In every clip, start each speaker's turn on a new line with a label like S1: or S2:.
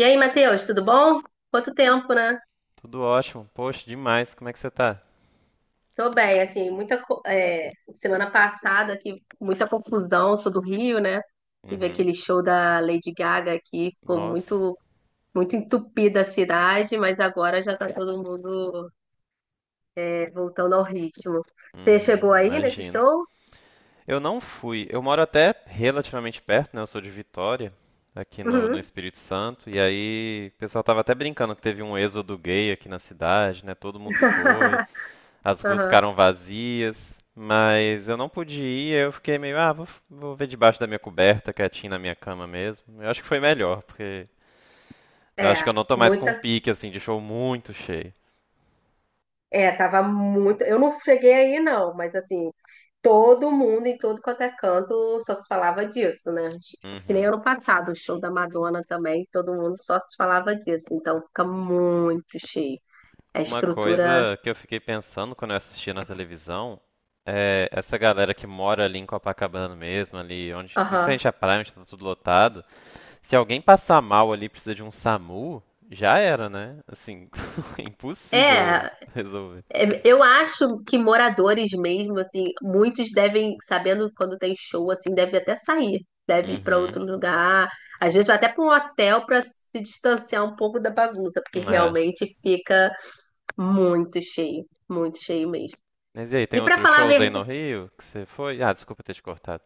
S1: E aí, Matheus, tudo bom? Quanto tempo, né?
S2: Tudo ótimo. Poxa, demais. Como é que você tá?
S1: Tô bem, assim, semana passada aqui, muita confusão, sou do Rio, né? Tive
S2: Uhum.
S1: aquele show da Lady Gaga aqui, ficou
S2: Nossa.
S1: muito muito entupida a cidade, mas agora já tá todo mundo voltando ao ritmo. Você
S2: Uhum,
S1: chegou aí nesse
S2: imagino.
S1: show?
S2: Eu não fui. Eu moro até relativamente perto, né? Eu sou de Vitória, aqui no
S1: Uhum.
S2: Espírito Santo. E aí, o pessoal tava até brincando que teve um êxodo gay aqui na cidade, né? Todo mundo foi. As ruas
S1: Aham.
S2: ficaram vazias. Mas eu não pude ir, eu fiquei meio, ah, vou ver debaixo da minha coberta, quietinho na minha cama mesmo. Eu acho que foi melhor, porque eu acho que eu
S1: É,
S2: não tô mais com um
S1: muita.
S2: pique, assim, de show muito cheio.
S1: É, tava muito. Eu não cheguei aí, não, mas assim, todo mundo em todo quanto é canto só se falava disso, né? Que nem
S2: Uhum.
S1: ano passado, o show da Madonna também, todo mundo só se falava disso. Então fica muito cheio. A
S2: Uma
S1: estrutura.
S2: coisa que eu fiquei pensando quando eu assisti na televisão é essa galera que mora ali em Copacabana mesmo, ali onde, em
S1: Aham.
S2: frente à praia, onde tá tudo lotado. Se alguém passar mal ali e precisa de um SAMU, já era, né? Assim, impossível
S1: É,
S2: resolver.
S1: eu acho que moradores mesmo, assim, muitos devem, sabendo quando tem show, assim, devem até sair, deve ir para
S2: Uhum.
S1: outro lugar, às vezes até para um hotel para se distanciar um pouco da bagunça, porque
S2: É.
S1: realmente fica muito cheio mesmo.
S2: Mas e aí, tem
S1: E para
S2: outros
S1: falar a...
S2: shows aí no Rio que você foi? Ah, desculpa ter te cortado.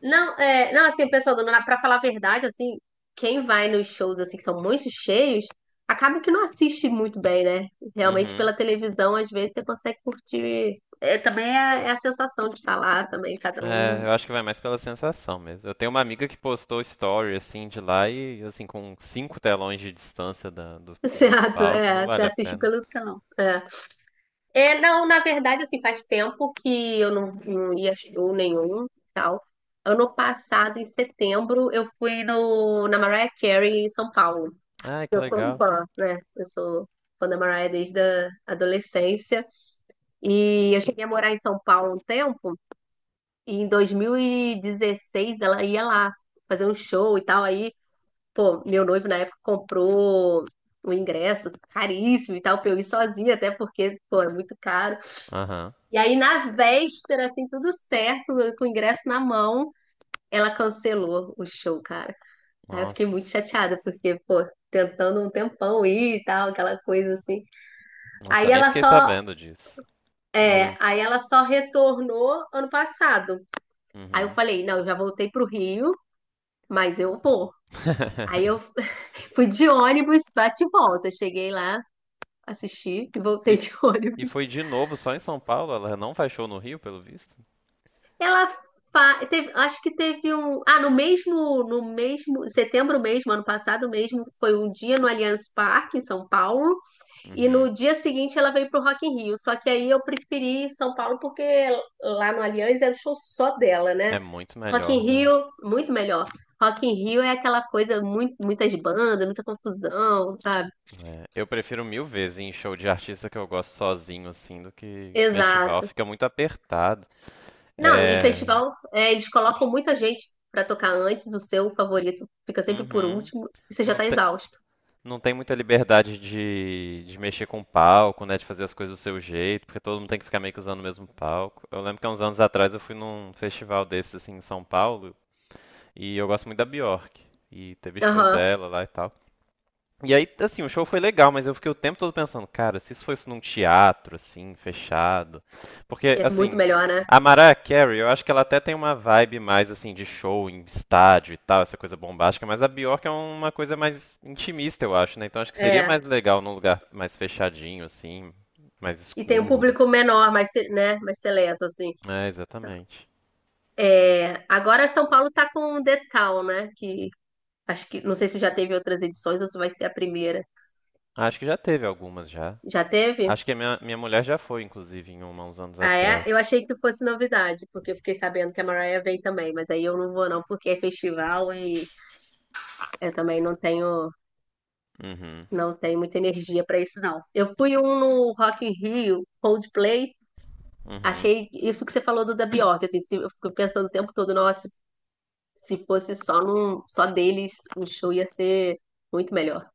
S1: Não, não, assim, pensando, pra falar a verdade, assim, quem vai nos shows, assim, que são muito cheios, acaba que não assiste muito bem, né? Realmente,
S2: Uhum.
S1: pela televisão, às vezes, você consegue curtir. Também é, é a sensação de estar lá, também, cada
S2: É,
S1: um.
S2: eu acho que vai mais pela sensação mesmo. Eu tenho uma amiga que postou story assim de lá e assim com cinco telões de distância da- do, do
S1: Certo,
S2: palco, não
S1: é, você
S2: vale a
S1: assiste
S2: pena.
S1: pelo telão. É. Não, na verdade, assim, faz tempo que eu não ia a show nenhum, tal. Ano passado, em setembro, eu fui no, na Mariah Carey, em São Paulo.
S2: Ai, que
S1: Eu sou
S2: legal.
S1: fã, né? Eu sou fã da Mariah desde a adolescência. E eu cheguei a morar em São Paulo um tempo, e em 2016 ela ia lá fazer um show e tal. Aí, pô, meu noivo na época comprou um ingresso caríssimo e tal, pra eu ir sozinha, até porque, pô, é muito caro.
S2: Aham.
S1: E aí, na véspera, assim, tudo certo, eu com o ingresso na mão, ela cancelou o show, cara. Aí eu fiquei muito
S2: Nossa.
S1: chateada, porque, pô, tentando um tempão ir e tal, aquela coisa assim.
S2: Nossa, eu
S1: Aí
S2: nem
S1: ela
S2: fiquei
S1: só,
S2: sabendo disso. E aí?
S1: aí ela só retornou ano passado. Aí eu
S2: Uhum.
S1: falei, não, eu já voltei pro Rio, mas eu vou. Aí eu fui de ônibus, bate e volta. Cheguei lá, assisti e voltei
S2: E,
S1: de
S2: e
S1: ônibus.
S2: foi de novo só em São Paulo? Ela não faz show no Rio, pelo visto?
S1: Ela Teve, acho que teve um, ah, no mesmo, setembro mesmo, ano passado mesmo, foi um dia no Allianz Parque em São Paulo. E
S2: Uhum.
S1: no dia seguinte ela veio pro Rock in Rio. Só que aí eu preferi São Paulo porque lá no Allianz era show só dela, né?
S2: É muito
S1: Rock in
S2: melhor, né?
S1: Rio, muito melhor. Rock in Rio é aquela coisa, muito, muitas bandas, muita confusão, sabe?
S2: É, eu prefiro mil vezes ir em show de artista que eu gosto sozinho, assim, do que festival.
S1: Exato.
S2: Fica muito apertado.
S1: Não, e
S2: É.
S1: festival, é, eles colocam muita gente pra tocar antes, o seu favorito fica sempre por
S2: Uhum.
S1: último, e você já
S2: Não
S1: tá
S2: te-
S1: exausto.
S2: não tem muita liberdade de mexer com o palco, né? De fazer as coisas do seu jeito, porque todo mundo tem que ficar meio que usando o mesmo palco. Eu lembro que há uns anos atrás eu fui num festival desses assim em São Paulo e eu gosto muito da Bjork. E teve show
S1: Aham.
S2: dela lá e tal. E aí, assim, o show foi legal, mas eu fiquei o tempo todo pensando, cara, se isso fosse num teatro, assim, fechado. Porque,
S1: E é
S2: assim,
S1: muito melhor, né?
S2: a Mariah Carey, eu acho que ela até tem uma vibe mais, assim, de show em estádio e tal, essa coisa bombástica, mas a Bjork é uma coisa mais intimista, eu acho, né? Então acho que seria mais
S1: É.
S2: legal num lugar mais fechadinho, assim, mais
S1: E tem um
S2: escuro.
S1: público menor, mais, se- né, mais seleto, assim.
S2: É, exatamente.
S1: É, agora São Paulo tá com o The Town, né? Que acho que não sei se já teve outras edições ou se vai ser a primeira.
S2: Acho que já teve algumas já.
S1: Já teve?
S2: Acho que a minha, minha mulher já foi, inclusive, em uma uns anos
S1: Ah, é?
S2: atrás.
S1: Eu achei que fosse novidade, porque eu fiquei sabendo que a Mariah vem também, mas aí eu não vou não, porque é festival e eu também
S2: Uhum,
S1: não tenho muita energia pra isso não. Eu fui um no Rock in Rio, Coldplay,
S2: uhum.
S1: achei isso que você falou do da Bjork, assim, se- eu fico pensando o tempo todo, nossa, se fosse só num só deles, o show ia ser muito melhor.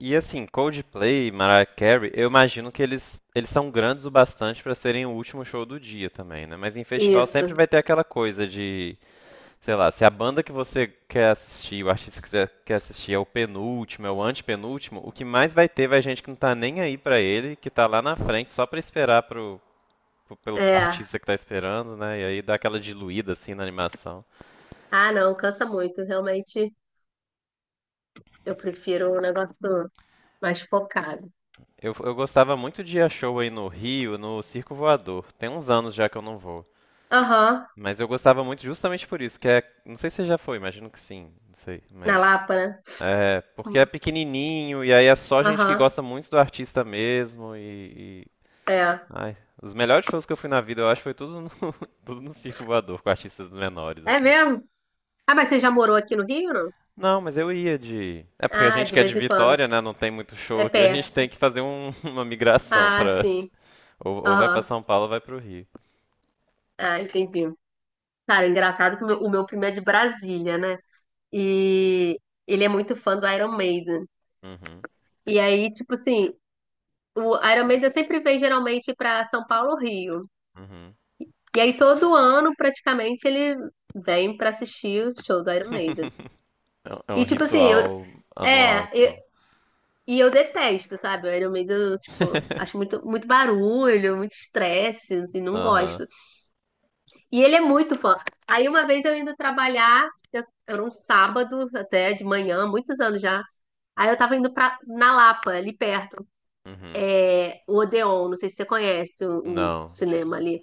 S2: E assim, Coldplay, Mariah Carey, eu imagino que eles são grandes o bastante pra serem o último show do dia também, né? Mas em festival sempre
S1: Isso.
S2: vai ter aquela coisa de, sei lá, se a banda que você quer assistir, o artista que você quer assistir é o penúltimo, é o antepenúltimo, o que mais vai ter vai gente que não tá nem aí pra ele, que tá lá na frente só pra esperar pro, pelo
S1: É.
S2: artista que tá esperando, né? E aí dá aquela diluída assim na animação.
S1: Ah, não, cansa muito. Realmente, eu prefiro um negócio mais focado.
S2: Eu gostava muito de ir a show aí no Rio, no Circo Voador. Tem uns anos já que eu não vou.
S1: Aham,
S2: Mas eu gostava muito justamente por isso, que é, não sei se já foi, imagino que sim, não sei,
S1: na
S2: mas
S1: Lapa, né?
S2: é, porque é pequenininho e aí é só gente que
S1: Aham,
S2: gosta muito do artista mesmo
S1: é.
S2: ai, os melhores shows que eu fui na vida, eu acho, foi tudo no, tudo no Circo Voador, com artistas menores
S1: É
S2: assim.
S1: mesmo? Ah, mas você já morou aqui no Rio, não?
S2: Não, mas eu ia de, é porque a
S1: Ah,
S2: gente
S1: de
S2: que é de
S1: vez em quando.
S2: Vitória, né, não tem muito
S1: É
S2: show aqui, a gente tem
S1: perto.
S2: que fazer uma migração
S1: Ah,
S2: pra
S1: sim.
S2: ou vai pra
S1: Aham.
S2: São Paulo ou vai pro Rio.
S1: Ah, entendi. Cara, é engraçado que o meu primo é de Brasília, né? E ele é muito fã do Iron Maiden.
S2: Uhum,
S1: E aí, tipo assim, o Iron Maiden sempre vem geralmente pra São Paulo ou Rio.
S2: uhum.
S1: E aí todo ano, praticamente, ele vem pra assistir o show do Iron Maiden.
S2: É um
S1: E tipo assim, eu
S2: ritual anual,
S1: é, eu-
S2: então.
S1: e eu detesto, sabe? O Iron Maiden, tipo, acho muito muito barulho, muito estresse, assim, não
S2: Aham.
S1: gosto. E ele é muito fã. Aí uma vez eu indo trabalhar, eu, era um sábado até de manhã, muitos anos já. Aí eu tava indo pra, na Lapa, ali perto,
S2: Uhum.
S1: é, o Odeon, não sei se você conhece o
S2: Não. de-
S1: cinema ali.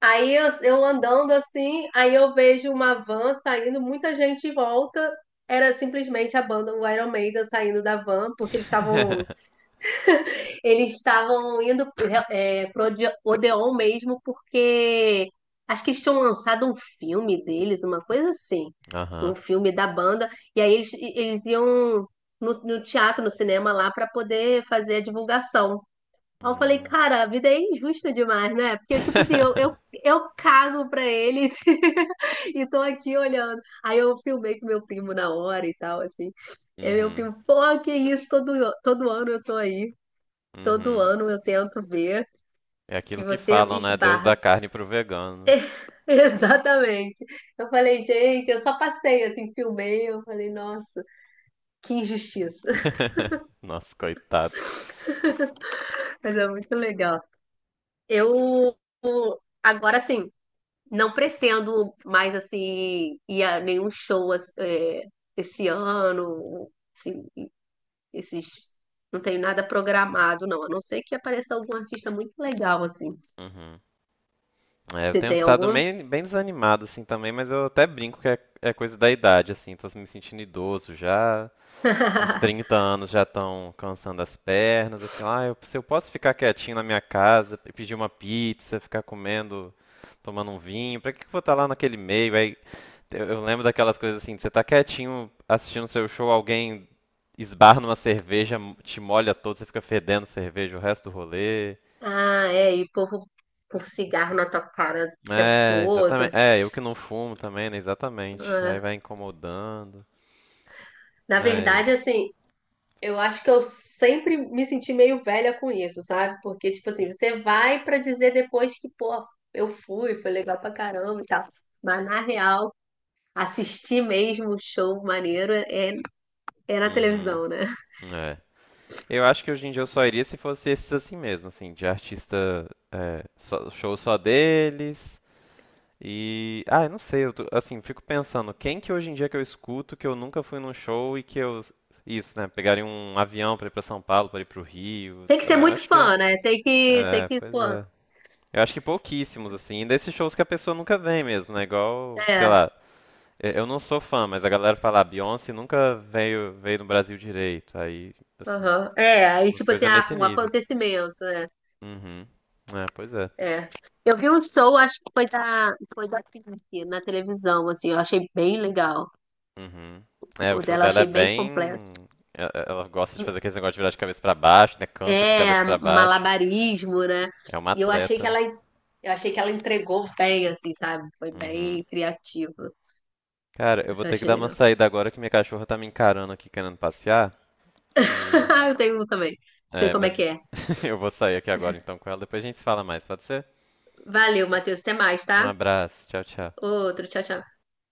S1: Eu andando assim, aí eu vejo uma van saindo, muita gente em volta. Era simplesmente a banda, o Iron Maiden saindo da van, porque eles estavam indo é, pro Odeon mesmo, porque acho que eles tinham lançado um filme deles, uma coisa assim,
S2: Aham.
S1: um filme da banda, e aí eles iam no teatro, no cinema lá, para poder fazer a divulgação. Aí eu falei,
S2: Hum.
S1: cara, a vida é injusta demais, né? Porque, tipo assim, eu cago pra eles e tô aqui olhando. Aí eu filmei com meu primo na hora e tal, assim. E meu
S2: Uhum.
S1: primo, pô, que isso, todo ano eu tô aí. Todo
S2: Uhum.
S1: ano eu tento ver
S2: É
S1: e
S2: aquilo que
S1: você
S2: falam, né? Deus
S1: esbarra.
S2: da carne pro vegano.
S1: Exatamente. Eu falei, gente, eu só passei, assim, filmei. Eu falei, nossa, que injustiça.
S2: Nossa, coitado.
S1: Mas é muito legal. Eu, agora, assim. Não pretendo mais, assim, ir a nenhum show esse ano, assim, esses... Não tenho nada programado, não. A não ser que apareça algum artista muito legal, assim.
S2: Uhum. É, eu
S1: Você
S2: tenho
S1: tem
S2: estado
S1: algum?
S2: bem, bem desanimado, assim, também, mas eu até brinco que é coisa da idade, assim. Tô me sentindo idoso já. Os 30 anos já estão cansando as pernas. Eu falo, ah, eu, se eu posso ficar quietinho na minha casa, e pedir uma pizza, ficar comendo, tomando um vinho, pra que que eu vou estar lá naquele meio? Aí eu lembro daquelas coisas assim, de você tá quietinho assistindo seu show, alguém esbarra numa cerveja, te molha todo, você fica fedendo cerveja o resto do rolê.
S1: Ah, é, e o povo com cigarro na tua cara o tempo
S2: É,
S1: todo.
S2: exatamente. É, eu que não fumo também, né? Exatamente. Aí
S1: Ah,
S2: vai incomodando.
S1: na
S2: Mas.
S1: verdade, assim, eu acho que eu sempre me senti meio velha com isso, sabe? Porque, tipo assim, você vai pra dizer depois que, pô, eu fui, foi legal pra caramba e tal. Mas na real, assistir mesmo o show maneiro é, é na
S2: Uhum.
S1: televisão, né?
S2: É. Eu acho que hoje em dia eu só iria se fosse esses assim mesmo, assim, de artista, é, show só deles. E, ah, eu não sei, assim, fico pensando, quem que hoje em dia que eu escuto que eu nunca fui num show e que eu, isso, né, pegaria um avião pra ir pra São Paulo, pra ir pro Rio.
S1: Tem que ser
S2: Ah,
S1: muito
S2: acho que é,
S1: fã, né? Tem que,
S2: pois
S1: pô,
S2: é. Eu acho que pouquíssimos, assim, e desses shows que a pessoa nunca vem mesmo, né, igual, sei
S1: é,
S2: lá, eu não sou fã, mas a galera fala, "Ah, Beyoncé nunca veio no Brasil direito", aí, assim,
S1: aham, é, aí
S2: umas
S1: tipo assim,
S2: coisas
S1: ah,
S2: nesse
S1: um
S2: nível.
S1: acontecimento, é...
S2: Uhum. É, pois é.
S1: É. Eu vi um show, acho que foi foi da Pink, na televisão, assim, eu achei bem legal.
S2: Uhum. É, o
S1: O
S2: show
S1: dela eu
S2: dela é
S1: achei bem
S2: bem.
S1: completo.
S2: e- Ela gosta de fazer aquele negócio de virar de cabeça pra baixo, né? Canta de
S1: É,
S2: cabeça pra baixo.
S1: malabarismo, né?
S2: É uma
S1: E eu achei
S2: atleta,
S1: que
S2: né?
S1: ela, eu achei que ela entregou bem, assim, sabe? Foi
S2: Uhum.
S1: bem criativo.
S2: Cara, eu vou
S1: Isso eu
S2: ter que
S1: achei
S2: dar uma
S1: legal.
S2: saída agora que minha cachorra tá me encarando aqui querendo passear. E.
S1: Eu tenho um também. Sei
S2: É,
S1: como é
S2: mas
S1: que é.
S2: eu vou sair aqui agora então com ela. Depois a gente se fala mais, pode ser?
S1: Valeu, Matheus. Até mais,
S2: Um
S1: tá?
S2: abraço. Tchau, tchau.
S1: Outro. Tchau, tchau.